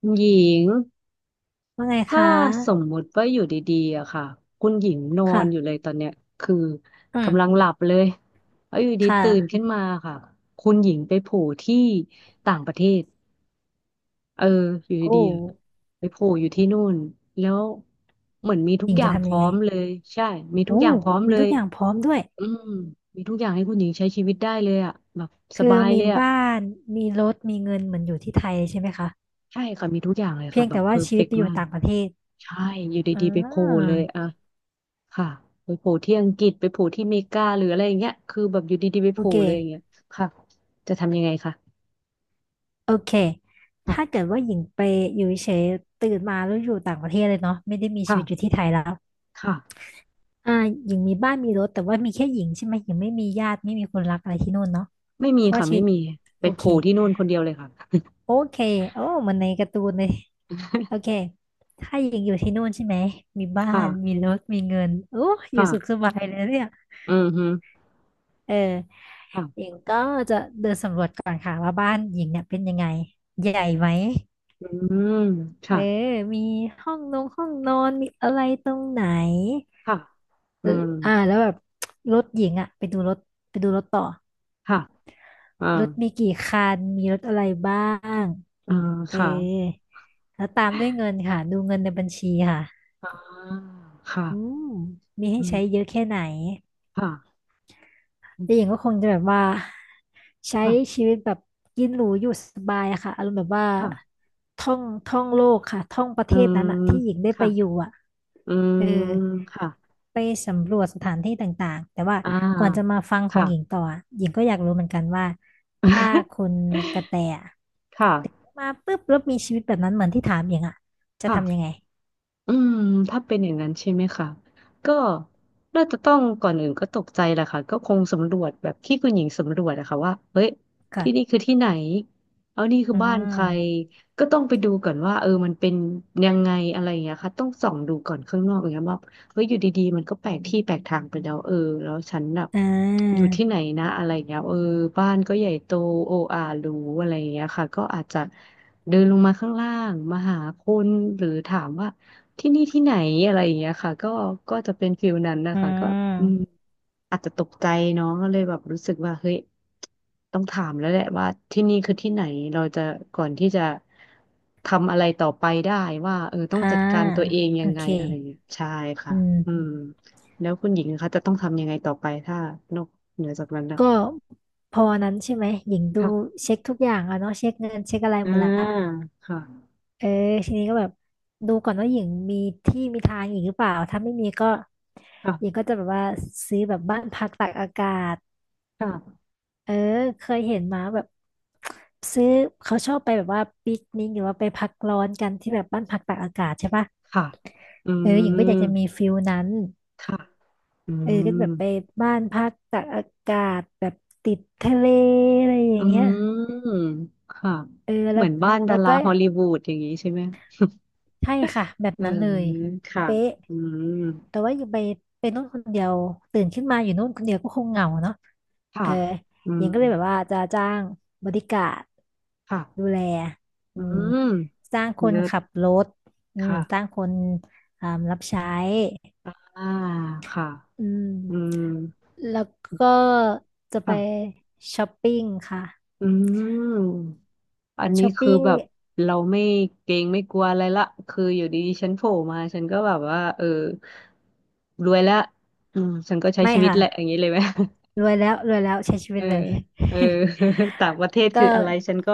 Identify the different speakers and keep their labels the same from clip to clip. Speaker 1: คุณหญิง
Speaker 2: ว่าไง
Speaker 1: ถ้า
Speaker 2: คะ
Speaker 1: สมมุติว่าอยู่ดีๆอะค่ะคุณหญิงนอนอยู่
Speaker 2: ค่ะ
Speaker 1: เลยตอนเนี้ยคือ
Speaker 2: อื
Speaker 1: กำลัง
Speaker 2: ม
Speaker 1: หลับเลยแล้วอยู่ดี
Speaker 2: ค่ะ
Speaker 1: ตื่นขึ้นมาค่ะคุณหญิงไปโผล่ที่ต่างประเทศเอออยู่
Speaker 2: โอ้
Speaker 1: ดีๆอะไปโผล่อยู่ที่นู่นแล้วเหมือนมีทุ
Speaker 2: ห
Speaker 1: ก
Speaker 2: ญิง
Speaker 1: อย่า
Speaker 2: จะ
Speaker 1: งพ
Speaker 2: ทำ
Speaker 1: ร้
Speaker 2: ยั
Speaker 1: อ
Speaker 2: งไง
Speaker 1: มเลยใช่มีทุ
Speaker 2: โอ้
Speaker 1: กอย่างพร้อม
Speaker 2: มี
Speaker 1: เล
Speaker 2: ทุ
Speaker 1: ย
Speaker 2: กอย่างพร้อมด้วย
Speaker 1: อืมมีทุกอย่างให้คุณหญิงใช้ชีวิตได้เลยอะแบบส
Speaker 2: คือ
Speaker 1: บาย
Speaker 2: มี
Speaker 1: เลยอะ
Speaker 2: บ้าน มีรถมีเงินเหมือนอยู่ที่ไทยใช่ไหมคะ
Speaker 1: ใช่ค่ะมีทุกอย่างเลย
Speaker 2: เพี
Speaker 1: ค่ะ
Speaker 2: ยง
Speaker 1: แบ
Speaker 2: แต่
Speaker 1: บเพ
Speaker 2: ว่า
Speaker 1: อร์
Speaker 2: ชี
Speaker 1: เฟ
Speaker 2: วิต
Speaker 1: ก
Speaker 2: ไป
Speaker 1: ต์
Speaker 2: อยู่
Speaker 1: มาก
Speaker 2: ต่างประเทศ
Speaker 1: ใช่อยู่
Speaker 2: อ่
Speaker 1: ดีๆไปโผล่
Speaker 2: า
Speaker 1: เลยอะ ค่ะไปโผล่ที่อังกฤษไปโผล่ที่เมกาหรืออะไรอย่างเงี้ยคือแบบอยู่ดีๆไป
Speaker 2: โอ
Speaker 1: โผล่
Speaker 2: เค
Speaker 1: เลยอย่างเงี้ยค่ะจะทำยังไงคะ
Speaker 2: โอเค ถ้า
Speaker 1: ค่ะ
Speaker 2: เกิดว่าหญิงไปอยู่เฉยๆตื่นมาแล้วอยู่ต่างประเทศเลยเนาะไม่ได้มีชีวิตอยู่
Speaker 1: ค่ะ
Speaker 2: ที่ไทยแล้ว
Speaker 1: ค่ะ
Speaker 2: อ่าหญิงมีบ้านมีรถแต่ว่ามีแค่หญิงใช่ไหมหญิงไม่มีญาติไม่มีคนรักอะไรที่นู่นเนาะ
Speaker 1: ไม่มี
Speaker 2: เพราะว่า
Speaker 1: ค่ะ
Speaker 2: ชี
Speaker 1: ไม่
Speaker 2: วิต
Speaker 1: มีไป
Speaker 2: โอ
Speaker 1: โผ
Speaker 2: เค
Speaker 1: ล่ที่นู่นคนเดียวเลยค่ะ
Speaker 2: โอเคโอ้มันในการ์ตูนเลยโอเค ถ้าหญิงอยู่ที่นู่นใช่ไหมมีบ้า น มี
Speaker 1: ค่ะ
Speaker 2: รถมีเงินโอ้อยู่สุขส
Speaker 1: ค่ะ
Speaker 2: บายเลยเนี่ย
Speaker 1: อืมฮึ
Speaker 2: เออ
Speaker 1: ค่ะ
Speaker 2: หญิงก็จะเดินสำรวจก่อนค่ะว่าบ้านหญิงเนี่ยเป็นยังไง ใหญ่ไหม
Speaker 1: อืม
Speaker 2: เอ
Speaker 1: ค่ะ
Speaker 2: อมีห้องนอนมีอะไรตรงไหน
Speaker 1: ค่ะอื
Speaker 2: เออ
Speaker 1: ม
Speaker 2: อ่าแล้วแบบรถหญิงอะไปดูรถไปดูรถต่อ
Speaker 1: ค่ะอ่า
Speaker 2: รถมีกี่คันมีรถอะไรบ้าง
Speaker 1: อ่า
Speaker 2: เออ
Speaker 1: ค่ะ
Speaker 2: แล้วตามด้วยเงินค่ะดูเงินในบัญชีค่ะ
Speaker 1: อ่าค่ะ
Speaker 2: อืมมีให้
Speaker 1: อืม
Speaker 2: ใช้เยอะแค่ไหน
Speaker 1: ค่ะ
Speaker 2: แต่หญิงก็คงจะแบบว่าใช้
Speaker 1: ค่ะ
Speaker 2: ชีวิตแบบกินหรูอยู่สบายอะค่ะอารมณ์แบบว่า
Speaker 1: ค่ะ
Speaker 2: ท่องโลกค่ะท่องประเท
Speaker 1: อื
Speaker 2: ศ
Speaker 1: ม
Speaker 2: นั้นอะที่หญิงได้ไป
Speaker 1: ค่ะ
Speaker 2: อยู่อะ
Speaker 1: อืม
Speaker 2: เออ
Speaker 1: ค่ะ
Speaker 2: ไปสำรวจสถานที่ต่างๆแต่ว่า
Speaker 1: อ่
Speaker 2: ก่อนจะ
Speaker 1: า
Speaker 2: มาฟังของ
Speaker 1: ค่ะ
Speaker 2: หญิงต่ออะหญิงก็อยากรู้เหมือนกันว่าถ้าคุณกระ แตอะ
Speaker 1: ค่ะ
Speaker 2: มาปุ๊บแล้วมีชีวิตแบบนั้นเหมือนที่ถามหญิงอะจะทำยัง
Speaker 1: ค่ะ
Speaker 2: ไง
Speaker 1: อืมถ้าเป็นอย่างนั้นใช่ไหมคะก็น่าจะต้องก่อนอื่นก็ตกใจแหละค่ะก็คงสำรวจแบบที่คุณหญิงสำรวจอะค่ะว่าเฮ้ยที่นี่
Speaker 2: ค่ะ
Speaker 1: คือที่ไหนเอานี่คือ
Speaker 2: อื
Speaker 1: บ้านใคร
Speaker 2: ม
Speaker 1: ต้องไปดูก่อนว่ามันเป็นยังไงอะไรอย่างเงี้ยค่ะต้องส่องดูก่อนข้างนอกอย่างเงี้ยว่าเฮ้ยอยู่ดีๆมันก็แปลกที่แปลกทางไปแล้วแล้วฉันแบบ
Speaker 2: อ่
Speaker 1: อยู่
Speaker 2: า
Speaker 1: ที่ไหนนะอะไรอย่างเงี้ยบ้านก็ใหญ่โตโออาหรูอะไรอย่างเงี้ยค่ะก็อาจจะเดินลงมาข้างล่างมาหาคนหรือถามว่า ที่นี่ที่ไหนอะไรอย่างเงี้ยค่ะก็ก็จะเป็นฟิลนั้นนะ
Speaker 2: อื
Speaker 1: คะก็อืม
Speaker 2: ม
Speaker 1: อาจจะตกใจเนาะก็เลยแบบรู้สึกว่าเฮ้ยต้องถามแล้วแหละว่าที่นี่คือที่ไหนเราจะก่อนที่จะทำอะไรต่อไปได้ว่าต้อง
Speaker 2: อ่า
Speaker 1: จัดการตัวเอง
Speaker 2: โอ
Speaker 1: ยังไง
Speaker 2: เค
Speaker 1: อะไรอย่างเงี้ยใช่
Speaker 2: อื
Speaker 1: ค่ะอืม
Speaker 2: ม
Speaker 1: แล้วคุณหญิงนะคะจะต้องทำยังไงต่อไปถ้านอกเหนือจากนั้นนะ
Speaker 2: ก็พอวันนั้นใช่ไหมหญิงดู
Speaker 1: ค่ะ
Speaker 2: เช็คทุกอย่างอะเนาะเช็คเงินเช็คอะไร
Speaker 1: อ่า
Speaker 2: หมดละ
Speaker 1: ค่ะ
Speaker 2: เออทีนี้ก็แบบดูก่อนว่าหญิงมีที่มีทางหญิงหรือเปล่าถ้าไม่มีก็
Speaker 1: ค่ะ
Speaker 2: หญิงก็จะแบบว่าซื้อแบบบ้านพักตากอากาศ
Speaker 1: ค่ะ
Speaker 2: เออเคยเห็นมาแบบซื้อเขาชอบไปแบบว่าปิกนิกหรือว่าไปพักร้อนกันที่แบบบ้านพักตากอากาศใช่ปะ
Speaker 1: ค่ะอื
Speaker 2: เออหญิงก็อยาก
Speaker 1: ม
Speaker 2: จะมีฟิลนั้น
Speaker 1: ค่ะอื
Speaker 2: เออก็แบบไป
Speaker 1: ม
Speaker 2: บ้านพักตากอากาศแบบติดทะเลอะไรอ
Speaker 1: อื
Speaker 2: ย่างเงี้ย
Speaker 1: มค่ะ
Speaker 2: เออ
Speaker 1: เหมือนบ้าน
Speaker 2: แล้
Speaker 1: ดา
Speaker 2: ว
Speaker 1: รา
Speaker 2: ก็
Speaker 1: ฮอลลีวูดอย่างนี้ใช่ไหม
Speaker 2: ใช่ค่ะแบบ
Speaker 1: เออ
Speaker 2: นั้นเลย
Speaker 1: ค่ะ
Speaker 2: เป๊ะ
Speaker 1: อืม
Speaker 2: แต่ว่าอยู่ไปนู่นคนเดียวตื่นขึ้นมาอยู่นู่นคนเดียวก็คงเหงาเนาะ
Speaker 1: ค่ะ
Speaker 2: เออ
Speaker 1: อื
Speaker 2: หญิ
Speaker 1: ม
Speaker 2: งก็เลยแบบว่าจะจ้างบริการด
Speaker 1: ค่ะ
Speaker 2: ดูแลอื
Speaker 1: อื
Speaker 2: ม
Speaker 1: ม
Speaker 2: จ้างคน
Speaker 1: เลิ
Speaker 2: ขับ
Speaker 1: ศ
Speaker 2: รถอืมจ้าง
Speaker 1: ค่ะ
Speaker 2: คนอ่ารับใช้
Speaker 1: อ่าค่ะ
Speaker 2: อืม
Speaker 1: อืม
Speaker 2: แล้วก็จะไป
Speaker 1: ค่ะ
Speaker 2: ช้อปปิ้งค่ะ
Speaker 1: อืมอันนี้
Speaker 2: ช้อป
Speaker 1: คือ
Speaker 2: ปิ้ง
Speaker 1: แบบเราไม่เกรงไม่กลัวอะไรละคืออยู่ดีๆฉันโผล่มาฉันก็แบบว่ารวยแล้วอืมฉันก็ใช้
Speaker 2: ไม่
Speaker 1: ชีวิต
Speaker 2: ค่ะ
Speaker 1: แหละอย่างนี้เลยไหม
Speaker 2: รวยแล้วรวยแล้วใช้ชี
Speaker 1: เอ
Speaker 2: วิต
Speaker 1: อ
Speaker 2: เลย
Speaker 1: เออ ต่างประเทศ คื
Speaker 2: ก็
Speaker 1: ออะไรฉันก็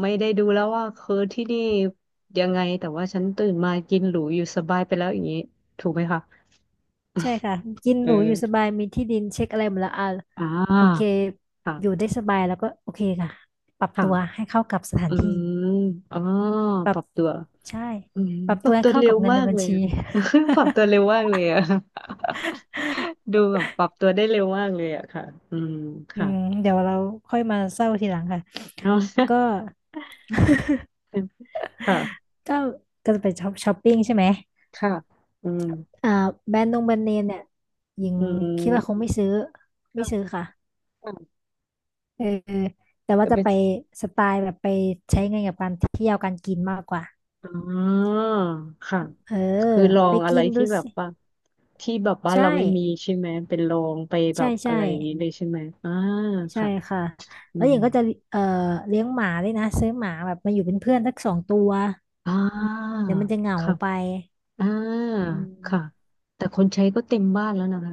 Speaker 1: ไม่ได้ดูแล้วว่าคือที่นี่ยังไงแต่ว่าฉันตื่นมากินหรูอยู่สบายไปแล้วอย่างนี้ถูกไหมคะ
Speaker 2: ใช่ค่ะกิน
Speaker 1: เอ
Speaker 2: หรูอยู่ส
Speaker 1: อ
Speaker 2: บายมีที่ดินเช็คอะไรหมดแล้วอ่ะ
Speaker 1: อ่
Speaker 2: โอเค
Speaker 1: าค่ะ
Speaker 2: อยู่ได้สบายแล้วก็โอเคค่ะปรับตัว
Speaker 1: ค่ะ
Speaker 2: ให้เข้ากับสถา
Speaker 1: อื
Speaker 2: นที่
Speaker 1: มอ๋อ
Speaker 2: ปรั
Speaker 1: ป
Speaker 2: บ
Speaker 1: รับตัว
Speaker 2: ใช่
Speaker 1: อืม
Speaker 2: ปรับ
Speaker 1: ป
Speaker 2: ตั
Speaker 1: รั
Speaker 2: ว
Speaker 1: บ
Speaker 2: ให้
Speaker 1: ตัว
Speaker 2: เข้า
Speaker 1: เร็
Speaker 2: กั
Speaker 1: ว
Speaker 2: บเงินใน
Speaker 1: มาก
Speaker 2: บัญ
Speaker 1: เลย
Speaker 2: ชี
Speaker 1: อะ ป รับตัวเร็วมากเลยอะ ดูแบบปรับตัวได้เร็วมากเลยอะค่ะอืม
Speaker 2: อื
Speaker 1: ค่ะ
Speaker 2: มเดี๋ยวเราค่อยมาเศร้าทีหลังค่ะ
Speaker 1: เอา
Speaker 2: ก็
Speaker 1: ค่ะ
Speaker 2: ก็ก็จะไปช้อปปิ้งใช่ไหม
Speaker 1: ค่ะอืม
Speaker 2: อ่าแบรนด์เนมเนี่ยหญิง
Speaker 1: อื
Speaker 2: คิดว่าคง
Speaker 1: ม
Speaker 2: ไม่ซื้อไม่
Speaker 1: ค่ะ
Speaker 2: ซื้อค่ะ
Speaker 1: ค่ะ
Speaker 2: เออแต่ว่า
Speaker 1: แต่
Speaker 2: จะ
Speaker 1: เป็น
Speaker 2: ไปสไตล์แบบไปใช้เงินกับการเที่ยวการกินมากกว่า
Speaker 1: อ๋อค่ะ
Speaker 2: เออ
Speaker 1: คือลอ
Speaker 2: ไป
Speaker 1: งอะไร
Speaker 2: กินดู
Speaker 1: ที่แบบ
Speaker 2: สิ
Speaker 1: ว่าที่แบบบ้าน
Speaker 2: ใช่
Speaker 1: เราไม่มีใช่ไหมเป็นลองไปแบ
Speaker 2: ใช่
Speaker 1: บอะ
Speaker 2: ใช่
Speaker 1: ไรอย่างนี้เลยใช่ไหมอ่า
Speaker 2: ใช่
Speaker 1: ค่ะ
Speaker 2: ค่ะ
Speaker 1: อื
Speaker 2: แล้วหญิ
Speaker 1: ม
Speaker 2: งก็จะเอ่อเลี้ยงหมาด้วยนะซื้อหมาแบบมาอยู่เป็นเพื่อนสักสองตัว
Speaker 1: อ่า
Speaker 2: เดี๋ยวมันจะเหงา
Speaker 1: ค่ะ
Speaker 2: ไป
Speaker 1: อ่า
Speaker 2: อื
Speaker 1: ค่ะ
Speaker 2: ม
Speaker 1: แต่คนใช้ก็เต็มบ้านแล้วนะคะ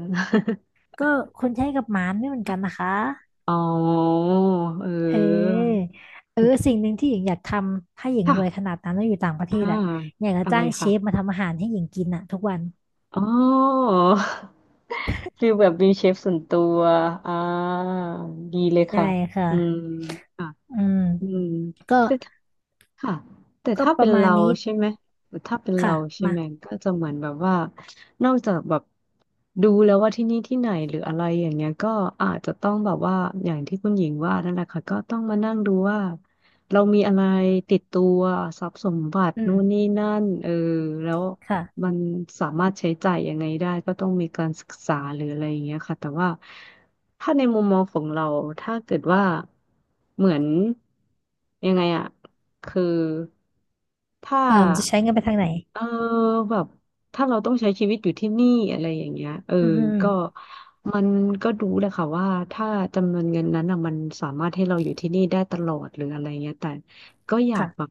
Speaker 2: ก็คนใช้กับหมาไม่เหมือนกันนะคะ
Speaker 1: อ๋อเ
Speaker 2: เ
Speaker 1: ออ
Speaker 2: ออเออสิ่งหนึ่งที่หญิงอยากทำถ้าหญิง
Speaker 1: ค่ะ
Speaker 2: รวยขนาดนั้นแล้วอยู่ต่างประเท
Speaker 1: อ่า
Speaker 2: ศอ่ะอยากจะ
Speaker 1: อะไร
Speaker 2: จ้างเชฟ
Speaker 1: ค่ะ
Speaker 2: มาทำอาหารให้หญิงกินอ่ะทุกวัน
Speaker 1: อ๋อ คือแบบมีเชฟส่วนตัวอ่าดีเลย
Speaker 2: ใช่
Speaker 1: ค่ะ
Speaker 2: ค่ะ
Speaker 1: อืม
Speaker 2: อืม
Speaker 1: อืม
Speaker 2: ก็
Speaker 1: แต่เธ ค่ะแต่
Speaker 2: ก็
Speaker 1: ถ้า
Speaker 2: ป
Speaker 1: เป็
Speaker 2: ระ
Speaker 1: น
Speaker 2: มาณ
Speaker 1: เรา
Speaker 2: นี้
Speaker 1: ใช่ไหมแต่ถ้าเป็น
Speaker 2: ค่ะ
Speaker 1: เราใช่
Speaker 2: มา
Speaker 1: ไหมก็จะเหมือนแบบว่านอกจากแบบดูแล้วว่าที่นี่ที่ไหนหรืออะไรอย่างเงี้ยก็อาจจะต้องแบบว่าอย่างที่คุณหญิงว่านั่นแหละค่ะก็ต้องมานั่งดูว่าเรามีอะไรติดตัวทรัพย์สมบัติ
Speaker 2: อื
Speaker 1: นู่นนี่
Speaker 2: ม
Speaker 1: นั่นแล้ว
Speaker 2: ค่ะ
Speaker 1: มันสามารถใช้จ่ายยังไงได้ก็ต้องมีการศึกษาหรืออะไรอย่างเงี้ยค่ะแต่ว่าถ้าในมุมมองของเราถ้าเกิดว่าเหมือนยังไงอะ คือถ้า
Speaker 2: เอ่อจะใช้เงินไปทางไหน
Speaker 1: เออแบบถ้าเราต้องใช้ชีวิตอยู่ที่นี่อะไรอย่างเงี้ย
Speaker 2: อืมอืมอืม
Speaker 1: ก็มันดู้แหละค่ะว่าถ้าจำนวนเงินนั้นอ่ะมันสามารถให้เราอยู่ที่นี่ได้ตลอดหรืออะไรเงี้ยแต่ก็อยากแบบ
Speaker 2: ค่ะ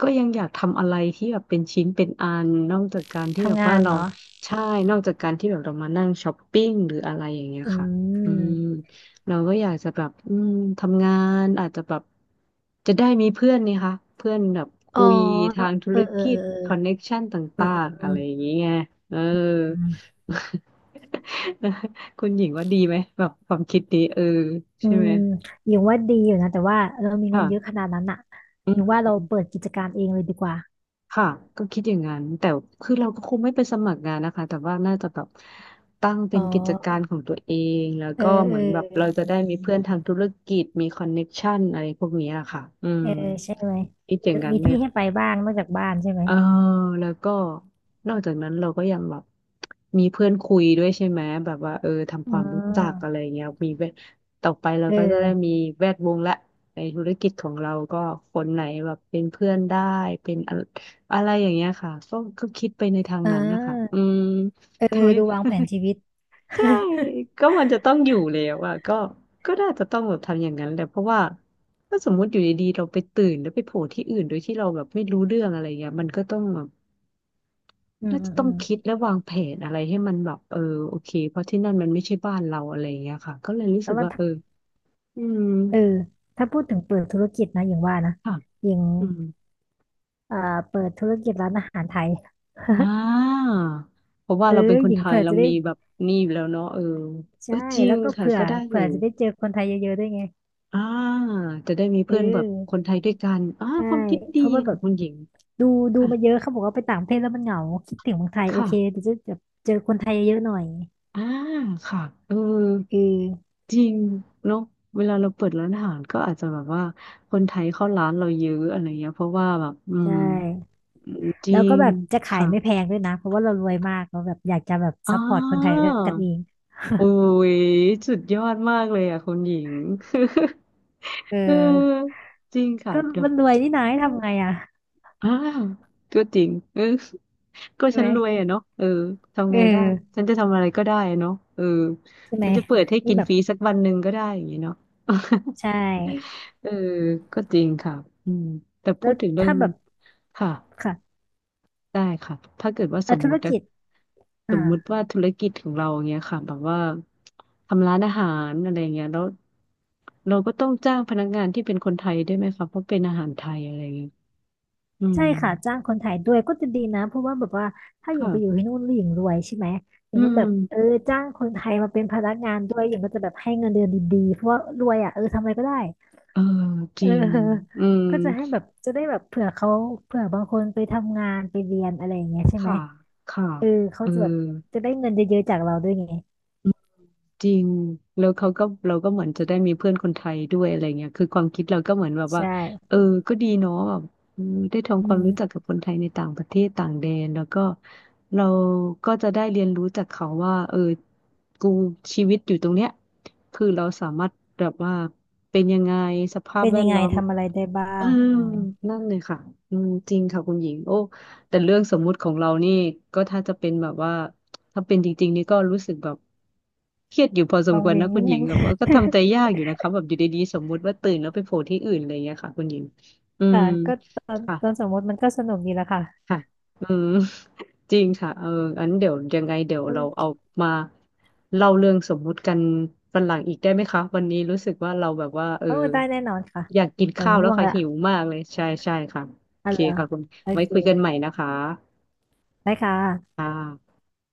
Speaker 1: ก็ยังอยากทำอะไรที่แบบเป็นชิ้นเป็นอันนอกจากการที่แบบ
Speaker 2: ทำงา
Speaker 1: ว่า
Speaker 2: น
Speaker 1: เรา
Speaker 2: เหรอ
Speaker 1: ใช่นอกจากการที่แบบเรามานั่งช้อปปิ้งหรืออะไรอย่างเงี้ย
Speaker 2: อื
Speaker 1: ค่ะอืม
Speaker 2: ม
Speaker 1: เราก็อยากจะแบบอืมทำงานอาจจะแบบจะได้มีเพื่อนนี่คะเพื่อนแบบ
Speaker 2: อ๋
Speaker 1: คุ
Speaker 2: อ
Speaker 1: ยทางธุ
Speaker 2: เออ
Speaker 1: ร
Speaker 2: เออ
Speaker 1: กิ
Speaker 2: เอ
Speaker 1: จคอนเน็
Speaker 2: อ
Speaker 1: กชันต
Speaker 2: เออ
Speaker 1: ่า
Speaker 2: อืม
Speaker 1: งๆ
Speaker 2: อื
Speaker 1: อะไร
Speaker 2: ม
Speaker 1: อย่างเงี้ยเออ
Speaker 2: อืม
Speaker 1: คุณหญิงว่าดีไหมแบบความคิดนี้
Speaker 2: อื
Speaker 1: ใช่
Speaker 2: ม
Speaker 1: ไหม
Speaker 2: อมอยังว่าดีอยู่นะ แต่ว่าเรามีเงิ
Speaker 1: ค่ะ
Speaker 2: นเยอะขนาดนั้นอะ
Speaker 1: อื
Speaker 2: อ
Speaker 1: ม
Speaker 2: ยังว่าเราเปิดกิจการเองเลยดีกว่า
Speaker 1: ค่ะก็คิดอย่างนั้นแต่คือเราก็คงไม่ไปสมัครงานนะคะแต่ว่าน่าจะแบบตั้ง
Speaker 2: อ๋
Speaker 1: เป็น
Speaker 2: อ
Speaker 1: กิจการของตัวเองแล้ว
Speaker 2: เอ
Speaker 1: ก็
Speaker 2: อ
Speaker 1: เห
Speaker 2: เอ
Speaker 1: มื
Speaker 2: อ
Speaker 1: อนแบบเราจะได้มีเพื่อนทางธุรกิจมีคอนเน็กชันอะไรพวกเนี้ยค่ะอื
Speaker 2: เอ
Speaker 1: ม
Speaker 2: อใช่ไหม
Speaker 1: คิดอย่างนั้น
Speaker 2: มี
Speaker 1: เล
Speaker 2: ที่
Speaker 1: ย
Speaker 2: ให้ไปบ้างนอกจากบ้านใช่ไหม
Speaker 1: เออแล้วก็นอกจากนั้นเราก็ยังแบบมีเพื่อนคุยด้วยใช่ไหมแบบว่าทำ
Speaker 2: อื
Speaker 1: ความรู้จักอะไร
Speaker 2: ม
Speaker 1: เงี้ยมีแวดต่อไปเรา
Speaker 2: เอ
Speaker 1: ก็จะได้มี
Speaker 2: อ
Speaker 1: แวดวงละในธุรกิจของเราก็คนไหนแบบเป็นเพื่อนได้เป็นอะอะไรอย่างเงี้ยค่ะก็คิดไปในทาง
Speaker 2: เ
Speaker 1: นั้นนะคะอื
Speaker 2: ออ
Speaker 1: ม
Speaker 2: เออ เออ
Speaker 1: ทำไม
Speaker 2: ดูวางแผนชีวิต
Speaker 1: ใช่ ก็มันจะต้องอยู่แล้วอ่ะก็น่าจะต้องแบบทำอย่างนั้นแหละเพราะว่าถ้าสมมติอยู่ดีๆเราไปตื่นแล้วไปโผล่ที่อื่นโดยที่เราแบบไม่รู้เรื่องอะไรเงี้ยมันก็ต้องแบบ
Speaker 2: อืม
Speaker 1: น่า
Speaker 2: อื
Speaker 1: จะ
Speaker 2: ม
Speaker 1: ต้อ
Speaker 2: อื
Speaker 1: ง
Speaker 2: ม
Speaker 1: คิดและวางแผนอะไรให้มันแบบโอเคเพราะที่นั่นมันไม่ใช่บ้านเราอะไรอย่างเงี้ยค่ะก็เลยรู้
Speaker 2: แต่
Speaker 1: สึก
Speaker 2: ว่า
Speaker 1: ว่าเอ
Speaker 2: ถ้า
Speaker 1: ออืม
Speaker 2: เออถ้าพูดถึงเปิดธุรกิจนะหญิงว่านะ
Speaker 1: ค่ะ
Speaker 2: หญิง
Speaker 1: อืม
Speaker 2: เอ่อเปิดธุรกิจร้านอาหารไทย
Speaker 1: อ่าเพราะว่า
Speaker 2: เอ
Speaker 1: เรา
Speaker 2: อ
Speaker 1: เป็นค
Speaker 2: ห
Speaker 1: น
Speaker 2: ญิง
Speaker 1: ไทย
Speaker 2: เผื่อ
Speaker 1: เรา
Speaker 2: จะได้
Speaker 1: มีแบบนี่อยู่แล้วเนาะเออเอ
Speaker 2: ใช่
Speaker 1: อจริ
Speaker 2: แล้
Speaker 1: ง
Speaker 2: วก็
Speaker 1: ค่ะก็ได้อ
Speaker 2: เผื่
Speaker 1: ยู่
Speaker 2: อจะได้เจอคนไทยเยอะๆด้วยไง
Speaker 1: อ่าจะได้มี
Speaker 2: เ
Speaker 1: เพื่อนแบบค
Speaker 2: ออ
Speaker 1: นไทยด้วยกันอ่า
Speaker 2: ใช่
Speaker 1: ความคิด
Speaker 2: เพ
Speaker 1: ดี
Speaker 2: ราะว่าแบ
Speaker 1: ค่ะ
Speaker 2: บ
Speaker 1: คุณหญิง
Speaker 2: ดูดู
Speaker 1: ค่ะ
Speaker 2: มาเยอะเขาบอกว่าไปต่างประเทศแล้วมันเหงาคิดถึงเมืองไทยโอ
Speaker 1: ค่ะ
Speaker 2: เคเดี๋ยวจะแบบเจอคนไทยเยอะๆหน่อย
Speaker 1: อ่าค่ะเออ
Speaker 2: เออ
Speaker 1: จริงเนาะเวลาเราเปิดร้านอาหารก็อาจจะแบบว่าคนไทยเข้าร้านเราเยอะอะไรเงี้ยเพราะว่าแบบอื
Speaker 2: ใช
Speaker 1: ม
Speaker 2: ่
Speaker 1: จ
Speaker 2: แล้ว
Speaker 1: ริ
Speaker 2: ก็
Speaker 1: ง
Speaker 2: แบบจะขาย
Speaker 1: ค่ะ
Speaker 2: ไม่แพงด้วยนะเพราะว่าเรารวยมากเราแบบอยากจะแบบ
Speaker 1: อ่
Speaker 2: ซัพพอร์ตคนไทย
Speaker 1: า
Speaker 2: ด้วยกันเอง
Speaker 1: โอ้ยสุดยอดมากเลยอ่ะคุณหญิง
Speaker 2: เอ
Speaker 1: เ
Speaker 2: อ
Speaker 1: ออจริงค่ะ
Speaker 2: ก็
Speaker 1: เดี๋ยว
Speaker 2: มันรวยนี่นายทำไงอ่ะ
Speaker 1: อ่าก็จริงเออก็
Speaker 2: ใช่
Speaker 1: ฉั
Speaker 2: ไห
Speaker 1: น
Speaker 2: ม
Speaker 1: รวยอะเนาะเออ
Speaker 2: เ
Speaker 1: ทำไงได้
Speaker 2: ออ
Speaker 1: ฉันจะทำอะไรก็ได้อะเนาะเออ
Speaker 2: ใช่ไหม
Speaker 1: ฉันจะเปิดให้
Speaker 2: นี่
Speaker 1: กิน
Speaker 2: แบ
Speaker 1: ฟ
Speaker 2: บ
Speaker 1: รีสักวันหนึ่งก็ได้อย่างงี้เนาะ
Speaker 2: ใช่
Speaker 1: เออก็จริงค่ะอืมแต่พู
Speaker 2: แล้
Speaker 1: ด
Speaker 2: ว
Speaker 1: ถึงเรื่อ
Speaker 2: ถ้า
Speaker 1: ง
Speaker 2: แบบ
Speaker 1: ค่ะ
Speaker 2: ค่ะ
Speaker 1: ได้ค่ะถ้าเกิดว่าส
Speaker 2: เอ่อ
Speaker 1: ม
Speaker 2: ธุ
Speaker 1: มุ
Speaker 2: ร
Speaker 1: ตินะ
Speaker 2: กิจ
Speaker 1: ส
Speaker 2: อ่า
Speaker 1: มมุติว่าธุรกิจของเราอย่างเงี้ยค่ะแบบว่าทำร้านอาหารอะไรเงี้ยแล้วเราก็ต้องจ้างพนักงานที่เป็นคนไทยด้วยไหมคะเพราะเป็นอาหารไทยอะไรเงี้ยอื
Speaker 2: ใช่
Speaker 1: ม
Speaker 2: ค่ะจ้างคนไทยด้วยก็จะดีนะเพราะว่าแบบว่าถ้าหญิงไปอยู่
Speaker 1: ค่ะ
Speaker 2: ที่นู่นแล้วหญิงรวยใช่ไหมอย่า
Speaker 1: อื
Speaker 2: งนั้น
Speaker 1: ม
Speaker 2: แบบเออจ้างคนไทยมาเป็นพนักงานด้วยหญิงก็จะแบบให้เงินเดือนดีๆเพราะว่ารวยอ่ะเออทำอะไรก็ได้
Speaker 1: เออจ
Speaker 2: เอ
Speaker 1: ริง
Speaker 2: อ
Speaker 1: อืม
Speaker 2: ก็จะให้แบบจะได้แบบเผื่อเขาเผื่อบางคนไปทำงานไปเรียนอะไรอย่างเงี้ยใช่ไหม
Speaker 1: ค่ะค่ะ
Speaker 2: เออเขา
Speaker 1: เออ
Speaker 2: จะแบบจะได้เงินเยอะๆจากเราด้วยไง
Speaker 1: จริงแล้วเขาก็เราก็เหมือนจะได้มีเพื่อนคนไทยด้วยอะไรเงี้ยคือความคิดเราก็เหมือนแบบ
Speaker 2: ใช
Speaker 1: ว่า
Speaker 2: ่
Speaker 1: เออก็ดีเนาะแบบอืมได้
Speaker 2: อื
Speaker 1: ทำความรู้จัก
Speaker 2: ม
Speaker 1: กับคนไทยในต่างประเทศต่างแดนแล้วก็เราก็จะได้เรียนรู้จากเขาว่ากูชีวิตอยู่ตรงเนี้ยคือเราสามารถแบบว่าเป็นยังไงสภาพ
Speaker 2: เป็น
Speaker 1: แว
Speaker 2: ยั
Speaker 1: ด
Speaker 2: งไง
Speaker 1: ล้อม
Speaker 2: ทำอะไรได้บ้า
Speaker 1: อา
Speaker 2: ง
Speaker 1: นั่นเลยค่ะอืมจริงค่ะคุณหญิงโอ้แต่เรื่องสมมุติของเรานี่ก็ถ้าจะเป็นแบบว่าถ้าเป็นจริงๆนี่ก็รู้สึกแบบเครียดอยู่พอสม
Speaker 2: วั
Speaker 1: ค
Speaker 2: ง
Speaker 1: วร
Speaker 2: เวง
Speaker 1: นะคุ
Speaker 2: นิ
Speaker 1: ณ
Speaker 2: ด
Speaker 1: หญิ
Speaker 2: นึ
Speaker 1: ง
Speaker 2: ง
Speaker 1: แบ บว่าก็ทำใจยากอยู่นะคะแบบอยู่ดีๆสมมุติว่าตื่นแล้วไปโผล่ที่อื่นอะไรอย่างเงี้ยค่ะคุณหญิงอื
Speaker 2: ค่ะ
Speaker 1: ม
Speaker 2: ก็
Speaker 1: ค่ะ
Speaker 2: ตอนสมมติมันก็สนุกดีละค่ะ
Speaker 1: ค่ะอืม จริงค่ะอันเดี๋ยวยังไงเดี๋ยวเราเอา
Speaker 2: เออ
Speaker 1: มาเล่าเรื่องสมมุติกันวันหลังอีกได้ไหมคะวันนี้รู้สึกว่าเราแบบว่า
Speaker 2: เออได้แน่นอนค่ะ
Speaker 1: อยากกิน
Speaker 2: เดี๋ยว
Speaker 1: ข้าวแล้
Speaker 2: ง่
Speaker 1: ว
Speaker 2: วง
Speaker 1: ค่ะ
Speaker 2: ละ
Speaker 1: หิวมากเลยใช่ค่ะโอ
Speaker 2: อ่ะ
Speaker 1: เค
Speaker 2: เหรอ
Speaker 1: ค่ะคุณ
Speaker 2: โอ
Speaker 1: ไว้
Speaker 2: เค
Speaker 1: คุยกันใหม่นะคะ
Speaker 2: ได้ค่ะ
Speaker 1: ค่ะ